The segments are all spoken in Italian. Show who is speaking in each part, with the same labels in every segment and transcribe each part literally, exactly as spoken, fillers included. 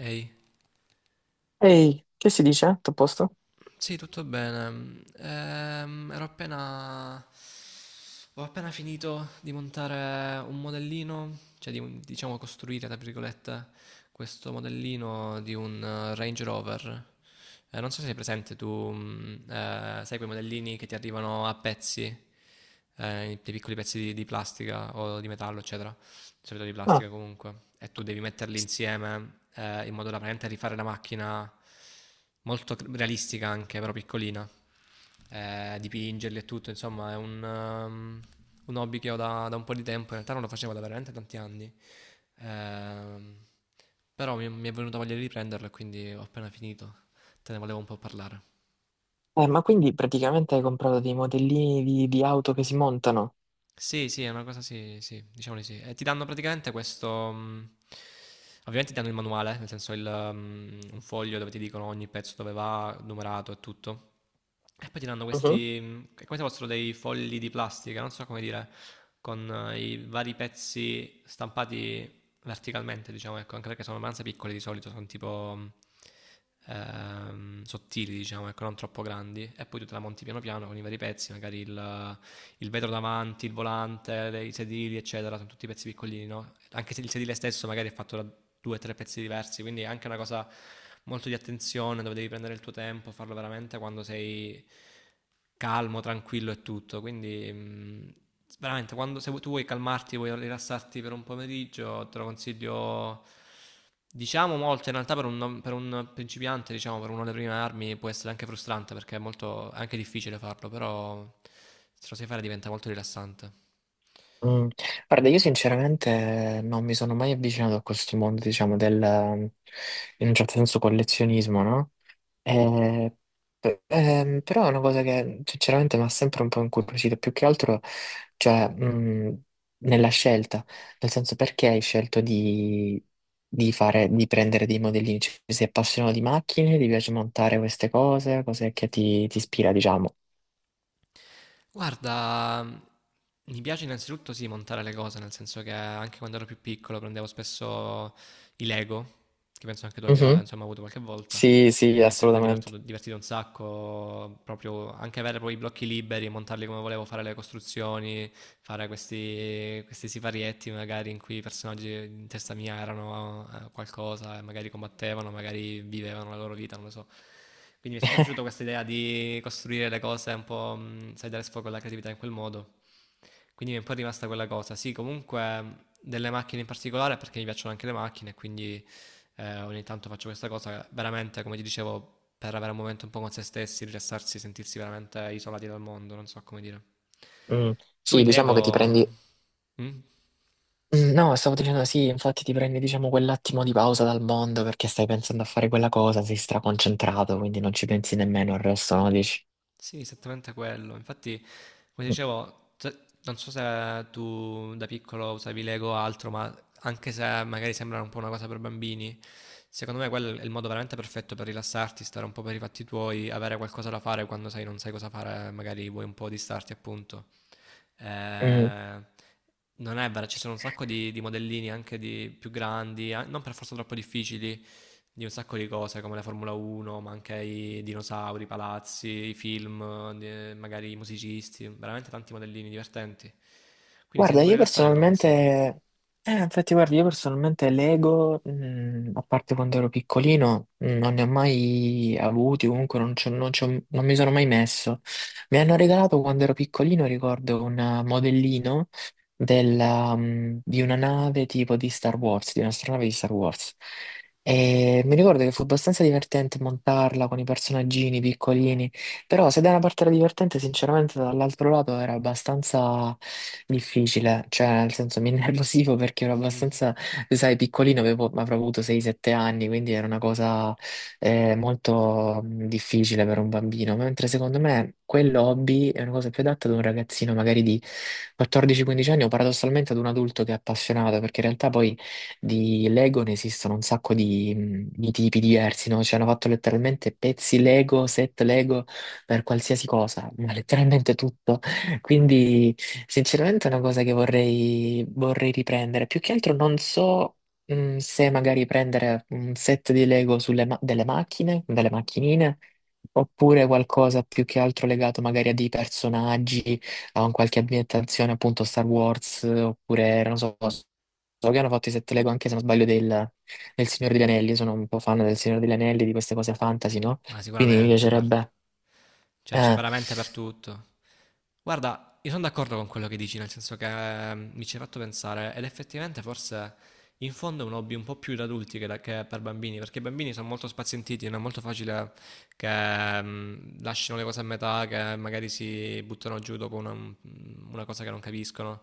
Speaker 1: Ehi,
Speaker 2: Ehi, che si dice? Tutto a posto?
Speaker 1: sì, tutto bene. Ehm, ero appena... Ho appena finito di montare un modellino, cioè di un- diciamo costruire, tra virgolette, questo modellino di un eh, Range Rover. Eh, non so se sei presente, tu mm, eh, sai quei modellini che ti arrivano a pezzi, eh, dei piccoli pezzi di, di plastica o di metallo, eccetera. Solito di
Speaker 2: Ah,
Speaker 1: plastica comunque, e tu devi metterli insieme eh, in modo da veramente rifare la macchina molto cr- realistica anche, però piccolina, eh, dipingerli e tutto, insomma è un, ehm, un hobby che ho da, da un po' di tempo, in realtà non lo facevo da veramente tanti anni, ehm, però mi, mi è venuta voglia di riprenderlo e quindi ho appena finito, te ne volevo un po' parlare.
Speaker 2: eh, ma quindi praticamente hai comprato dei modellini di, di auto che si montano?
Speaker 1: Sì, sì, è una cosa sì, sì, diciamo di sì. E ti danno praticamente questo, mh, ovviamente ti danno il manuale, nel senso il, mh, un foglio dove ti dicono ogni pezzo dove va, numerato e tutto. E poi ti danno questi, mh, è come se fossero dei fogli di plastica, non so come dire, con eh, i vari pezzi stampati verticalmente, diciamo, ecco, anche perché sono abbastanza piccoli di solito, sono tipo mh, ehm, sottili, diciamo, ecco, non troppo grandi. E poi tu te la monti piano piano con i vari pezzi, magari il il vetro davanti, il volante, le- i sedili, eccetera, sono tutti pezzi piccolini, no? Anche se il sedile stesso magari è fatto da due o tre pezzi diversi, quindi è anche una cosa molto di attenzione dove devi prendere il tuo tempo, farlo veramente quando sei calmo, tranquillo e tutto. Quindi mh, veramente quando se tu vuoi calmarti, vuoi rilassarti per un pomeriggio, te lo consiglio diciamo molto, in realtà per un, per un principiante, diciamo per uno delle prime armi può essere anche frustrante perché è molto è anche difficile farlo, però se lo sai fare diventa molto rilassante.
Speaker 2: Mm. Guarda, io sinceramente non mi sono mai avvicinato a questo mondo, diciamo, del, in un certo senso, collezionismo, no?
Speaker 1: Mm.
Speaker 2: Eh, pe- ehm, però è una cosa che sinceramente mi ha sempre un po' incuriosito, più che altro, cioè, mh, nella scelta, nel senso perché hai scelto di, di fare, di prendere dei modellini, cioè, sei appassionato di macchine, ti piace montare queste cose, cos'è che ti, ti ispira, diciamo.
Speaker 1: Guarda, mi piace innanzitutto sì montare le cose, nel senso che anche quando ero più piccolo prendevo spesso i Lego, che penso anche tu abbia
Speaker 2: Mhm.
Speaker 1: insomma avuto qualche volta,
Speaker 2: Sì, sì,
Speaker 1: e mi è sempre
Speaker 2: assolutamente.
Speaker 1: divertito, divertito un sacco, proprio anche avere poi i blocchi liberi, montarli come volevo, fare le costruzioni, fare questi, questi siparietti magari in cui i personaggi in testa mia erano eh, qualcosa, e magari combattevano, magari vivevano la loro vita, non lo so. Quindi mi è sempre piaciuta questa idea di costruire le cose un po', mh, sai, dare sfogo alla creatività in quel modo. Quindi mi è un po' rimasta quella cosa. Sì, comunque delle macchine in particolare perché mi piacciono anche le macchine, quindi eh, ogni tanto faccio questa cosa, veramente, come ti dicevo, per avere un momento un po' con se stessi, rilassarsi, sentirsi veramente isolati dal mondo, non so come dire.
Speaker 2: Mm.
Speaker 1: Tu
Speaker 2: Sì,
Speaker 1: in
Speaker 2: diciamo che ti
Speaker 1: Lego...
Speaker 2: prendi...
Speaker 1: mm?
Speaker 2: Mm, no, stavo dicendo sì, infatti ti prendi, diciamo, quell'attimo di pausa dal mondo perché stai pensando a fare quella cosa, sei straconcentrato, quindi non ci pensi nemmeno al resto, no? Dici...
Speaker 1: Sì, esattamente quello. Infatti, come dicevo, se- non so se tu da piccolo usavi Lego o altro, ma anche se magari sembra un po' una cosa per bambini, secondo me quello è il modo veramente perfetto per rilassarti, stare un po' per i fatti tuoi, avere qualcosa da fare quando sai non sai cosa fare, magari vuoi un po' distarti, appunto.
Speaker 2: Mm.
Speaker 1: Eh, non è vero, ci sono un sacco di, di modellini anche di più grandi, a- non per forza troppo difficili, di un sacco di cose come la Formula uno, ma anche i dinosauri, i palazzi, i film, eh, magari i musicisti, veramente tanti modellini divertenti. Quindi se ti
Speaker 2: Guarda,
Speaker 1: vuoi
Speaker 2: io
Speaker 1: rilassare te lo
Speaker 2: personalmente,
Speaker 1: consiglio.
Speaker 2: eh, infatti guarda, io personalmente Lego, mh, a parte quando ero piccolino, mh, non ne ho mai avuti, comunque non, c'ho- non c'ho- non mi sono mai messo. Mi hanno regalato quando ero piccolino, ricordo, un eh, modellino della, mh, di una nave tipo di Star Wars, di un'astronave di Star Wars. E mi ricordo che fu abbastanza divertente montarla con i personaggini piccolini. Però se da una parte era divertente, sinceramente dall'altro lato era abbastanza difficile, cioè nel senso mi innervosivo perché ero abbastanza, sai, piccolino, avevo, avrò avuto sei sette anni, quindi era una cosa eh, molto mh, difficile per un bambino, mentre secondo me quello hobby è una cosa più adatta ad un ragazzino magari di quattordici quindici anni o paradossalmente ad un adulto che è appassionato, perché in realtà poi di Lego ne esistono un sacco di, mh, di tipi diversi, no? Cioè hanno fatto letteralmente pezzi Lego, set Lego per qualsiasi cosa, ma letteralmente tutto. Quindi, sinceramente, è una cosa che vorrei, vorrei riprendere. Più che altro non so. mm, Se magari prendere un set di Lego sulle ma- delle macchine, delle macchinine, oppure qualcosa più che altro legato magari a dei personaggi, a un qualche ambientazione, appunto Star Wars, oppure non so, so che hanno fatto i set Lego anche se non sbaglio del, del Signore degli Anelli, sono un po' fan del Signore degli Anelli, di queste cose fantasy, no?
Speaker 1: Ma
Speaker 2: Quindi mi
Speaker 1: sicuramente, guarda.
Speaker 2: piacerebbe
Speaker 1: Cioè, c'è
Speaker 2: eh,
Speaker 1: veramente per tutto. Guarda, io sono d'accordo con quello che dici, nel senso che eh, mi ci hai fatto pensare, ed effettivamente forse in fondo è un hobby un po' più da adulti che, da- che per bambini, perché i bambini sono molto spazientiti, non è molto facile che ehm, lasciano le cose a metà, che magari si buttano giù dopo una, una cosa che non capiscono.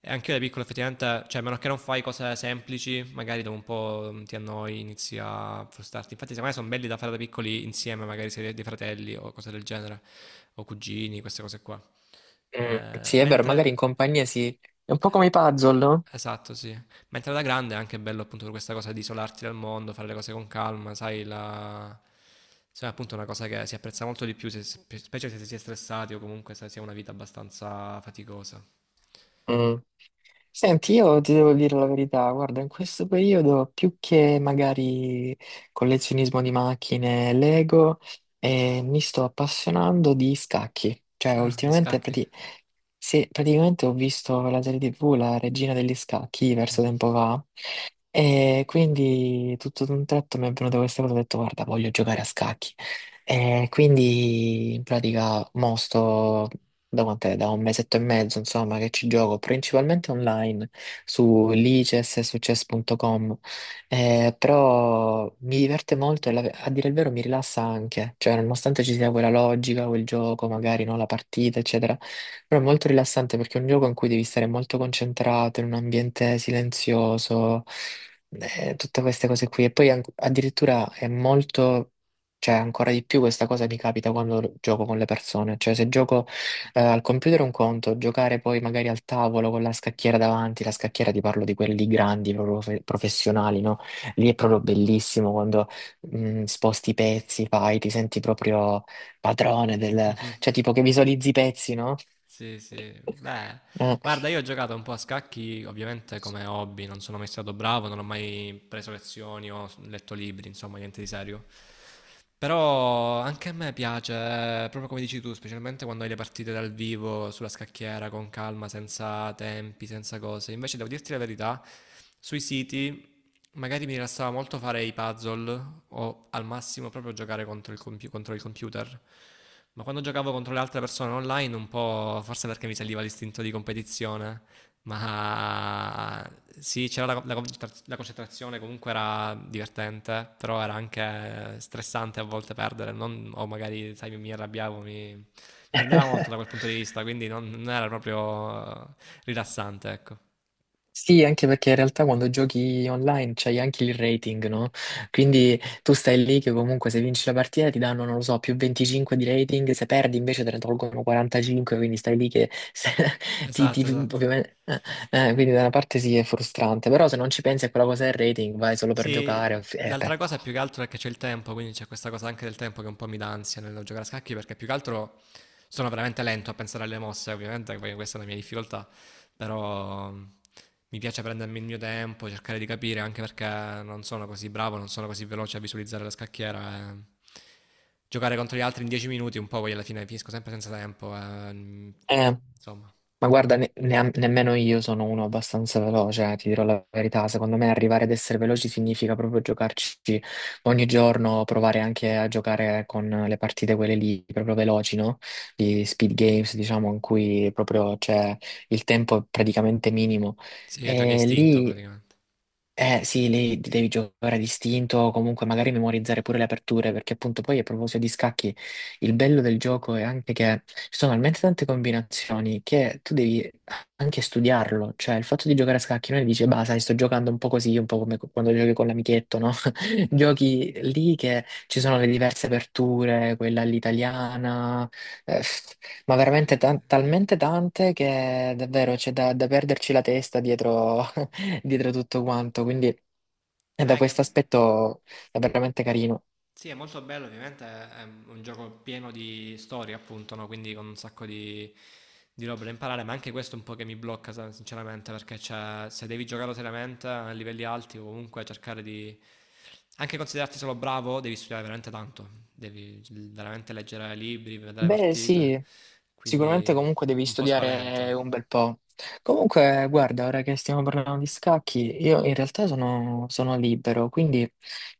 Speaker 1: E anche io da piccolo effettivamente, cioè a meno che non fai cose semplici, magari dopo un po' mm, ti annoi, inizi a frustrarti. Infatti secondo me sono belli da fare da piccoli insieme, magari se dei fratelli o cose del genere, o cugini, queste cose qua.
Speaker 2: mm,
Speaker 1: Eh,
Speaker 2: sì, è vero, magari in
Speaker 1: mentre,
Speaker 2: compagnia sì. È un po' come i puzzle, no?
Speaker 1: esatto, sì. Mentre da grande è anche bello appunto per questa cosa di isolarti dal mondo, fare le cose con calma, sai, la... Insomma, appunto è una cosa che si apprezza molto di più, se- spe- specie se si è stressati o comunque se si ha una vita abbastanza faticosa.
Speaker 2: Mm. Senti, io ti devo dire la verità, guarda, in questo periodo più che magari collezionismo di macchine, Lego, eh, mi sto appassionando di scacchi. Cioè,
Speaker 1: Ah, di
Speaker 2: ultimamente
Speaker 1: scacchi?
Speaker 2: prati- se- praticamente ho visto la serie T V, La Regina degli Scacchi, verso tempo fa, e quindi tutto d'un tratto mi è venuta questa cosa, ho detto, guarda, voglio giocare a scacchi. E quindi in pratica mo sto da quant'è? Da un mesetto e mezzo, insomma, che ci gioco principalmente online su lices e su chess punto com. Eh, però mi diverte molto e la- a dire il vero mi rilassa anche, cioè nonostante ci sia quella logica, quel gioco, magari no, la partita, eccetera, però è molto rilassante perché è un gioco in cui devi stare molto concentrato, in un ambiente silenzioso, eh, tutte queste cose qui. E poi an- addirittura è molto... Cioè, ancora di più questa cosa mi capita quando gioco con le persone. Cioè, se gioco eh, al computer è un conto, giocare poi magari al tavolo con la scacchiera davanti, la scacchiera ti parlo di quelli grandi, proprio fe- professionali, no? Lì è proprio bellissimo quando mh, sposti i pezzi, fai, ti senti proprio padrone del... cioè tipo che visualizzi i pezzi, no?
Speaker 1: Sì, sì, beh, guarda, io ho giocato un po' a scacchi, ovviamente come hobby, non sono mai stato bravo, non ho mai preso lezioni o letto libri, insomma, niente di serio. Però anche a me piace, eh, proprio come dici tu, specialmente quando hai le partite dal vivo sulla scacchiera con calma, senza tempi, senza cose. Invece devo dirti la verità, sui siti magari mi rilassava molto fare i puzzle o al massimo proprio giocare contro il compi- contro il computer. Ma quando giocavo contro le altre persone online, un po' forse perché mi saliva l'istinto di competizione, ma sì, c'era la, la concentra- la concentrazione, comunque era divertente, però era anche stressante a volte perdere, non- o magari, sai, mi, mi arrabbiavo, mi, mi prendeva molto da quel punto di vista, quindi non, non era proprio rilassante, ecco.
Speaker 2: Sì, anche perché in realtà quando giochi online c'hai anche il rating, no? Quindi tu stai lì che comunque se vinci la partita ti danno, non lo so, più venticinque di rating, se perdi invece te ne tolgono quarantacinque, quindi stai lì che se- ti,
Speaker 1: Esatto,
Speaker 2: ti-
Speaker 1: esatto.
Speaker 2: ovviamente, eh, eh, quindi da una parte sì è frustrante, però se non ci pensi a quella cosa del rating vai solo per giocare.
Speaker 1: Sì,
Speaker 2: Eh, beh.
Speaker 1: l'altra cosa più che altro è che c'è il tempo, quindi c'è questa cosa anche del tempo che un po' mi dà ansia nel giocare a scacchi, perché più che altro sono veramente lento a pensare alle mosse, ovviamente, poi questa è una mia difficoltà, però mm, mi piace prendermi il mio tempo, cercare di capire, anche perché non sono così bravo, non sono così veloce a visualizzare la scacchiera. E giocare contro gli altri in dieci minuti, un po' poi alla fine finisco sempre senza tempo, e, mm,
Speaker 2: Eh,
Speaker 1: insomma.
Speaker 2: Ma guarda, ne- neam- nemmeno io sono uno abbastanza veloce, eh, ti dirò la verità. Secondo me arrivare ad essere veloci significa proprio giocarci ogni giorno, provare anche a giocare con le partite quelle lì, proprio veloci, no? Di speed games, diciamo, in cui proprio c'è il tempo è praticamente minimo.
Speaker 1: Sì, è giochi a
Speaker 2: E
Speaker 1: istinto
Speaker 2: lì
Speaker 1: praticamente.
Speaker 2: eh sì, lì devi giocare a distinto o comunque magari memorizzare pure le aperture, perché appunto poi a proposito di scacchi, il bello del gioco è anche che ci sono talmente tante combinazioni che tu devi anche studiarlo, cioè il fatto di giocare a scacchi non è che dici, bah, sai, sto giocando un po' così, un po' come quando giochi con l'amichetto, no?
Speaker 1: Sì,
Speaker 2: Giochi lì che ci sono le diverse aperture, quella all'italiana, eh, ma
Speaker 1: sì,
Speaker 2: veramente tan-
Speaker 1: sì.
Speaker 2: talmente tante che davvero c'è da, da perderci la testa dietro, dietro tutto quanto. Quindi eh, da
Speaker 1: Eh, che
Speaker 2: questo aspetto è veramente carino.
Speaker 1: Sì, è molto bello, ovviamente è un gioco pieno di storie, appunto, no? Quindi con un sacco di, di robe da imparare, ma anche questo è un po' che mi blocca, sa- sinceramente, perché c'è- se devi giocarlo seriamente a livelli alti o comunque cercare di... Anche considerarti solo bravo, devi studiare veramente tanto, devi veramente leggere libri, vedere
Speaker 2: Beh,
Speaker 1: partite,
Speaker 2: sì. Sicuramente
Speaker 1: quindi
Speaker 2: comunque devi
Speaker 1: un po' spaventa.
Speaker 2: studiare un bel po'. Comunque, guarda, ora che stiamo parlando di scacchi, io in realtà sono, sono libero, quindi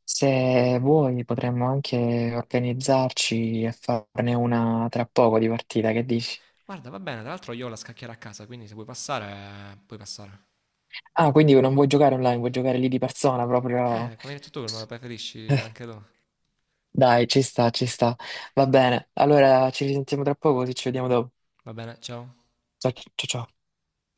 Speaker 2: se vuoi potremmo anche organizzarci e farne una tra poco di partita, che dici?
Speaker 1: Guarda, va bene, tra l'altro io ho la scacchiera a casa, quindi se vuoi passare, puoi passare.
Speaker 2: Ah, quindi non vuoi giocare online, vuoi giocare lì di persona proprio.
Speaker 1: Eh, come hai detto tu, non la preferisci anche tu.
Speaker 2: Dai, ci sta, ci sta. Va bene, allora ci risentiamo tra poco, così ci vediamo dopo.
Speaker 1: Va bene, ciao.
Speaker 2: Ciao, ciao, ciao.